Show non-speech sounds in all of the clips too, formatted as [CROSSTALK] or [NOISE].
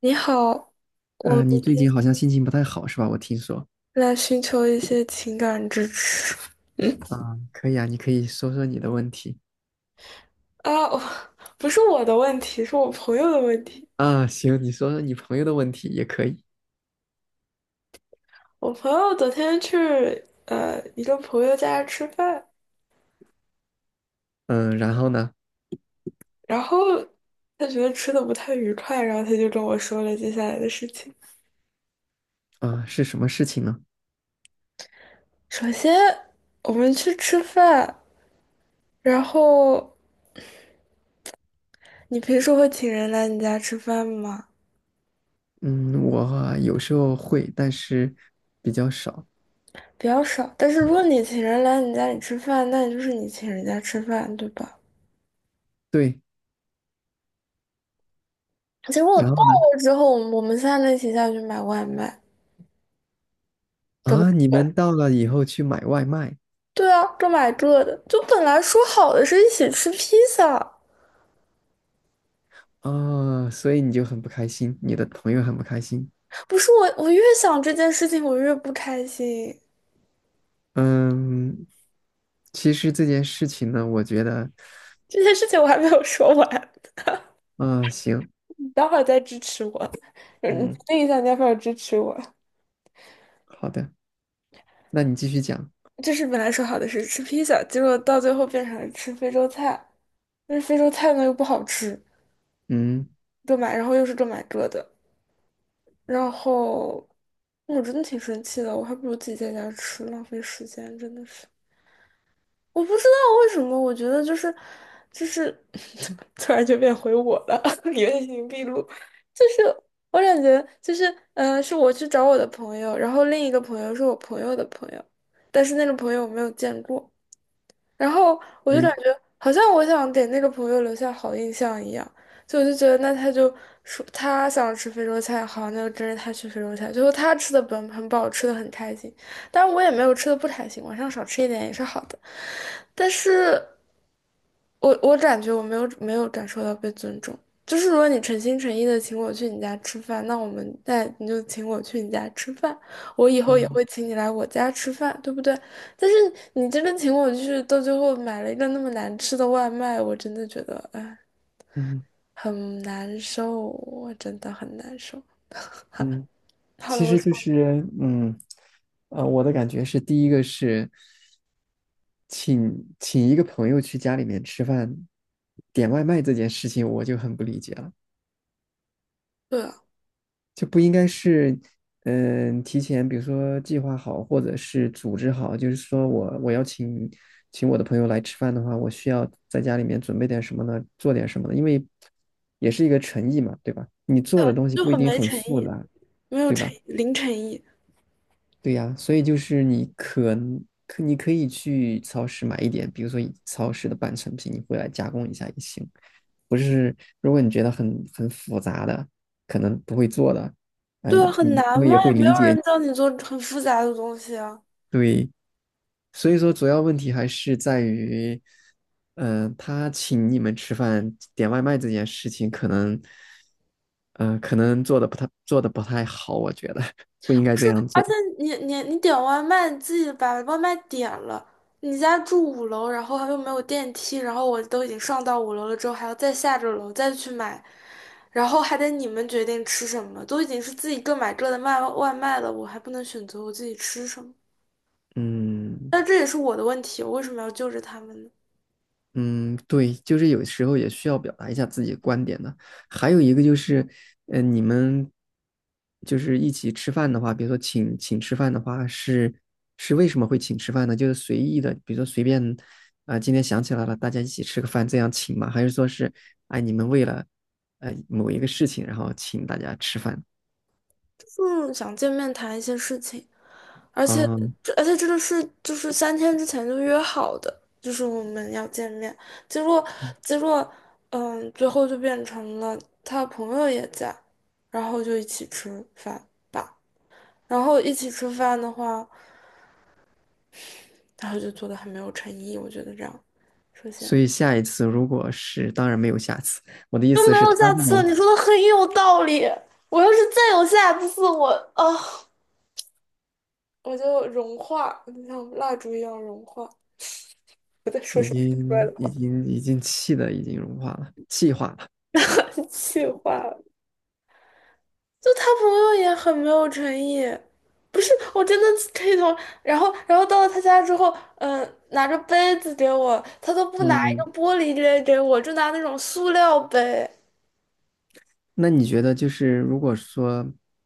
你好，我们嗯，你最近好像心情不太好是吧？我听说。来寻求一些情感支持。嗯啊，可以啊，你可以说说你的问题。我不是我的问题，是我朋友的问题。啊，行，你说说你朋友的问题也可以。我朋友昨天去一个朋友家吃饭，嗯，然后呢？然后他觉得吃的不太愉快，然后他就跟我说了接下来的事情。啊，是什么事情呢？首先，我们去吃饭，然后你平时会请人来你家吃饭吗？嗯，我啊有时候会，但是比较少。比较少，但是如果你请人来你家里吃饭，那也就是你请人家吃饭，对吧？对，结果我到然后呢？了之后，我们三个一起下去买外卖，各买，啊，你们到了以后去买外卖。对啊，各买各的。就本来说好的是一起吃披萨，啊，所以你就很不开心，你的朋友很不开心。不是我，我越想这件事情，我越不开心。嗯，其实这件事情呢，我觉得这件事情我还没有说完，啊，行，你待会儿再支持我，嗯，你决嗯，定一下，你要不要支持我？好的，那你继续讲。就是本来说好的是吃披萨，结果到最后变成了吃非洲菜，但是非洲菜呢又不好吃，嗯。各买，然后又是各买各的。然后哎我真的挺生气的，我还不如自己在家吃，浪费时间，真的是。我不知道为什么，我觉得就是 [LAUGHS] 突然就变回我了，[LAUGHS] 原形毕露。就是我感觉就是是我去找我的朋友，然后另一个朋友是我朋友的朋友，但是那个朋友我没有见过，然后我就感嗯觉好像我想给那个朋友留下好印象一样，就我就觉得那他就说他想吃非洲菜，好，那就跟着他去非洲菜。最后他吃的本很饱，吃的很开心，但我也没有吃的不开心，晚上少吃一点也是好的。但是我感觉我没有感受到被尊重，就是如果你诚心诚意的请我去你家吃饭，那我们在你就请我去你家吃饭，我以后也会嗯请你来我家吃饭，对不对？但是你真的请我去，到最后买了一个那么难吃的外卖，我真的觉得哎，嗯很难受，我真的很难受。嗯，好其了，我实就说是我的感觉是，第一个是请请一个朋友去家里面吃饭，点外卖这件事情，我就很不理解了，对啊，就不应该是提前，比如说计划好，或者是组织好，就是说我要请我的朋友来吃饭的话，我需要在家里面准备点什么呢？做点什么呢？因为也是一个诚意嘛，对吧？你做的东西就不一很定没很诚复意，杂。没有对诚吧？意，零诚意。对呀，所以就是你可能你可以去超市买一点，比如说以超市的半成品，你回来加工一下也行。不是，如果你觉得很复杂的，可能不会做的，哎，对啊，很难你我吗？也会也没理有解。人教你做很复杂的东西啊。对，所以说主要问题还是在于，他请你们吃饭点外卖这件事情，可能，嗯，可能做的不太好，我觉得 [LAUGHS] 不应该不是，这样而做。且你点外卖，你自己把外卖点了，你家住五楼，然后又没有电梯，然后我都已经上到五楼了之后，还要再下着楼再去买，然后还得你们决定吃什么，都已经是自己各买各的卖外卖了，我还不能选择我自己吃什么，嗯。但这也是我的问题，我为什么要救着他们呢？嗯，对，就是有时候也需要表达一下自己的观点的。还有一个就是，你们就是一起吃饭的话，比如说请吃饭的话，是为什么会请吃饭呢？就是随意的，比如说随便啊、今天想起来了，大家一起吃个饭这样请吗？还是说是哎，你们为了某一个事情，然后请大家吃饭？嗯，想见面谈一些事情。而且嗯，这个是就是三天之前就约好的，就是我们要见面，结果结果嗯，最后就变成了他朋友也在，然后就一起吃饭吧。然后一起吃饭的话，然后就做的很没有诚意，我觉得这样，首先所以下一次如果是，当然没有下次。我的意就思没是，有他下这次了。种你说的很有道理，我要是再有下次，我啊、我就融化，就像蜡烛一样融化。我在说已什么奇怪的经已话？经已经气的已经融化了，气化了。[LAUGHS] 气话。就他朋友也很没有诚意，不是，我真的可以同，然后，然后到了他家之后，拿着杯子给我，他都不拿一嗯，个玻璃杯给我，就拿那种塑料杯。那你觉得就是如果说，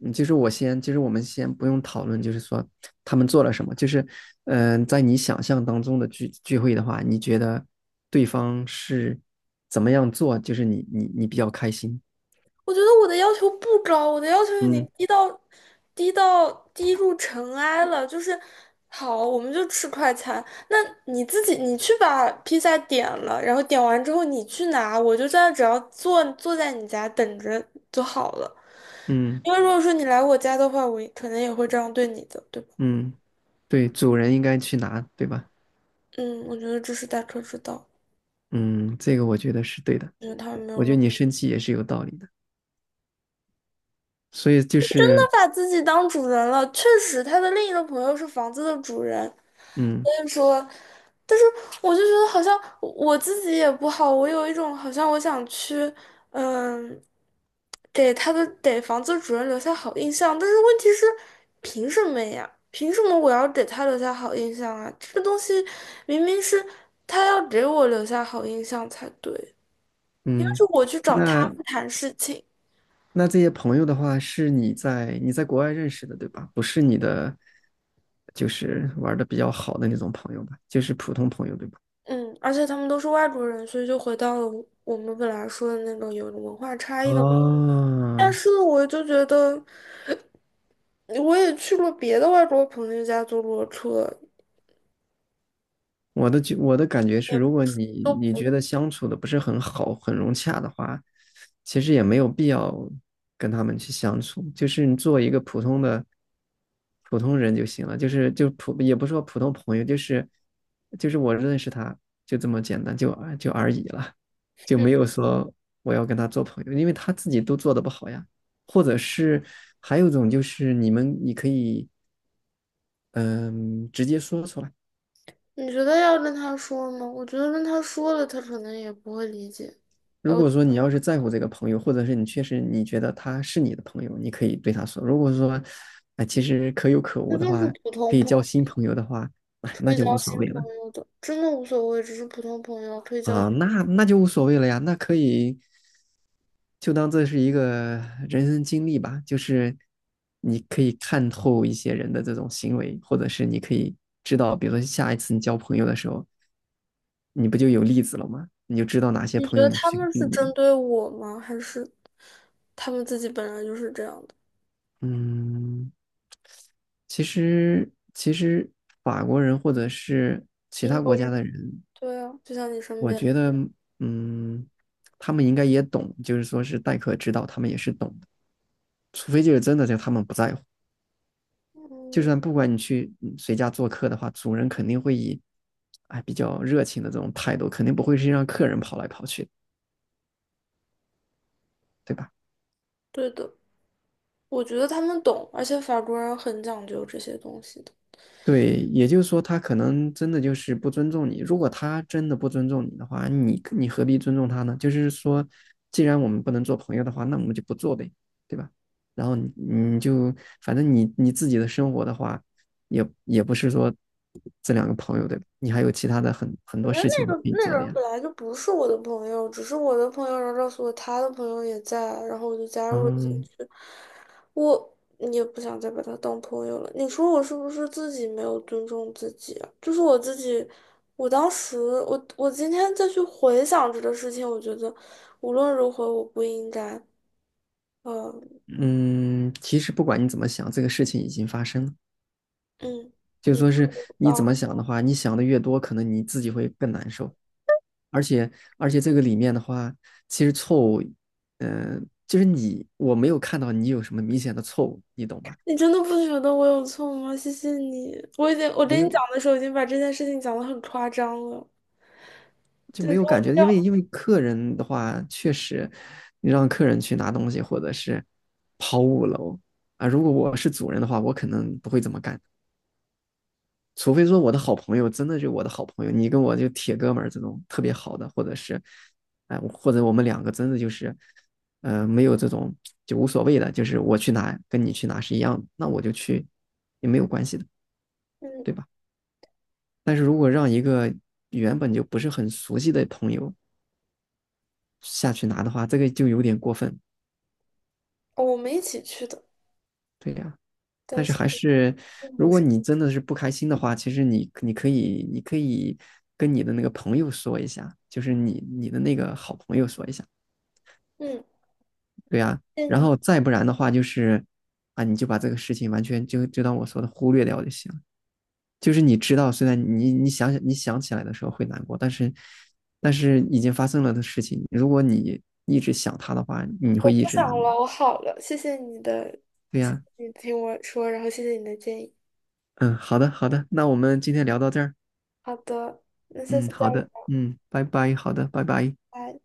就是我先，就是我们先不用讨论，就是说他们做了什么，就是在你想象当中的聚会的话，你觉得对方是怎么样做，就是你比较开心？我觉得我的要求不高，我的要求已嗯经低到低入尘埃了。就是好，我们就吃快餐，那你自己你去把披萨点了，然后点完之后你去拿，我就在那只要坐在你家等着就好了。嗯因为如果说你来我家的话，我也可能也会这样对你的，对吧？嗯，对，主人应该去拿，对吧？嗯，我觉得这是大可之道，嗯，这个我觉得是对的，因为他们没有我觉得让。你生气也是有道理的，所以就是把自己当主人了。确实，他的另一个朋友是房子的主人，嗯。所以说，但是我就觉得好像我自己也不好，我有一种好像我想去，嗯，给他的给房子主人留下好印象，但是问题是，凭什么呀？凭什么我要给他留下好印象啊？这个东西明明是他要给我留下好印象才对，应该是嗯，我去找他那们谈事情。那这些朋友的话，是你在国外认识的，对吧？不是你的，就是玩的比较好的那种朋友吧，就是普通朋友，对吧？嗯，而且他们都是外国人，所以就回到了我们本来说的那种有文化差异的问题。但啊，是我就觉得，我也去过别的外国朋友家坐过车，我的感觉是，也不如果是都，你觉得相处的不是很好、很融洽的话，其实也没有必要跟他们去相处，就是你做一个普通人就行了，就是也不是说普通朋友，就是就是我认识他就这么简单，就啊就而已了，就嗯，没有说我要跟他做朋友，因为他自己都做的不好呀，或者是还有一种就是你可以嗯、直接说出来。你觉得要跟他说吗？我觉得跟他说了，他可能也不会理解。还如有，果说你要是在乎这个朋友，或者是你确实你觉得他是你的朋友，你可以对他说。如果说，哎，其实可有可这无的就是话，普可通以朋友，交新朋友的话，哎，可那以交就无所新谓朋了友的，真的无所谓，只是普通朋友可以交啊，新。那就无所谓了呀，那可以就当这是一个人生经历吧，就是你可以看透一些人的这种行为，或者是你可以知道，比如说下一次你交朋友的时候，你不就有例子了吗？你就知道哪些你觉朋友得你他去们避是针免。对我吗？还是他们自己本来就是这样的？嗯，其实法国人或者是其英他国国人，家的人，对啊，就像你身我边。觉得，嗯，他们应该也懂，就是说是待客之道，他们也是懂的。除非就是真的，就他们不在乎。就嗯，算不管你去谁家做客的话，主人肯定会以，哎，比较热情的这种态度，肯定不会是让客人跑来跑去的对吧？对的，我觉得他们懂，而且法国人很讲究这些东西的。对，也就是说，他可能真的就是不尊重你。如果他真的不尊重你的话，你何必尊重他呢？就是说，既然我们不能做朋友的话，那我们就不做呗，对吧？然后你就反正你自己的生活的话，也也不是说这两个朋友对吧？你还有其他的很我多觉得事那情你可个以那做个的人呀。本来就不是我的朋友，只是我的朋友，然后告诉我他的朋友也在，然后我就加入了进嗯。去。我也不想再把他当朋友了。你说我是不是自己没有尊重自己啊？就是我自己，我当时，我今天再去回想这个事情，我觉得无论如何我不应该，嗯嗯，其实不管你怎么想，这个事情已经发生了。嗯，就你说是说你到怎么了。想的话，你想的越多，可能你自己会更难受。而且这个里面的话，其实错误，就是你我没有看到你有什么明显的错误，你懂吧？你真的不觉得我有错吗？谢谢你，我已经我没跟你讲有的时候已经把这件事情讲得很夸张了。就就是没有如果感觉，这因样，为因为客人的话，确实你让客人去拿东西或者是跑五楼。啊，如果我是主人的话，我可能不会这么干，除非说我的好朋友真的就我的好朋友，你跟我就铁哥们儿这种特别好的，或者是，哎，或者我们两个真的就是，没有这种就无所谓的，就是我去拿跟你去拿是一样的，那我就去也没有关系的，嗯，对吧？但是如果让一个原本就不是很熟悉的朋友下去拿的话，这个就有点过分，哦我们一起去的，对呀。啊，但但是是还是，如我果是你真的是不开心的话，其实你你可以跟你的那个朋友说一下，就是你的那个好朋友说一下，嗯，对呀，谢谢然你，后再不然的话，就是啊，你就把这个事情完全就当我说的忽略掉就行了。就是你知道，虽然你想起来的时候会难过，但是已经发生了的事情，如果你一直想他的话，你我会不一直想难过。了，我好了，谢谢你的，对谢谢呀，你听我说，然后谢谢你的建议。嗯，好的，那我们今天聊到这儿。好的，那下次嗯，再好的，聊。嗯，拜拜，好的，拜拜。拜。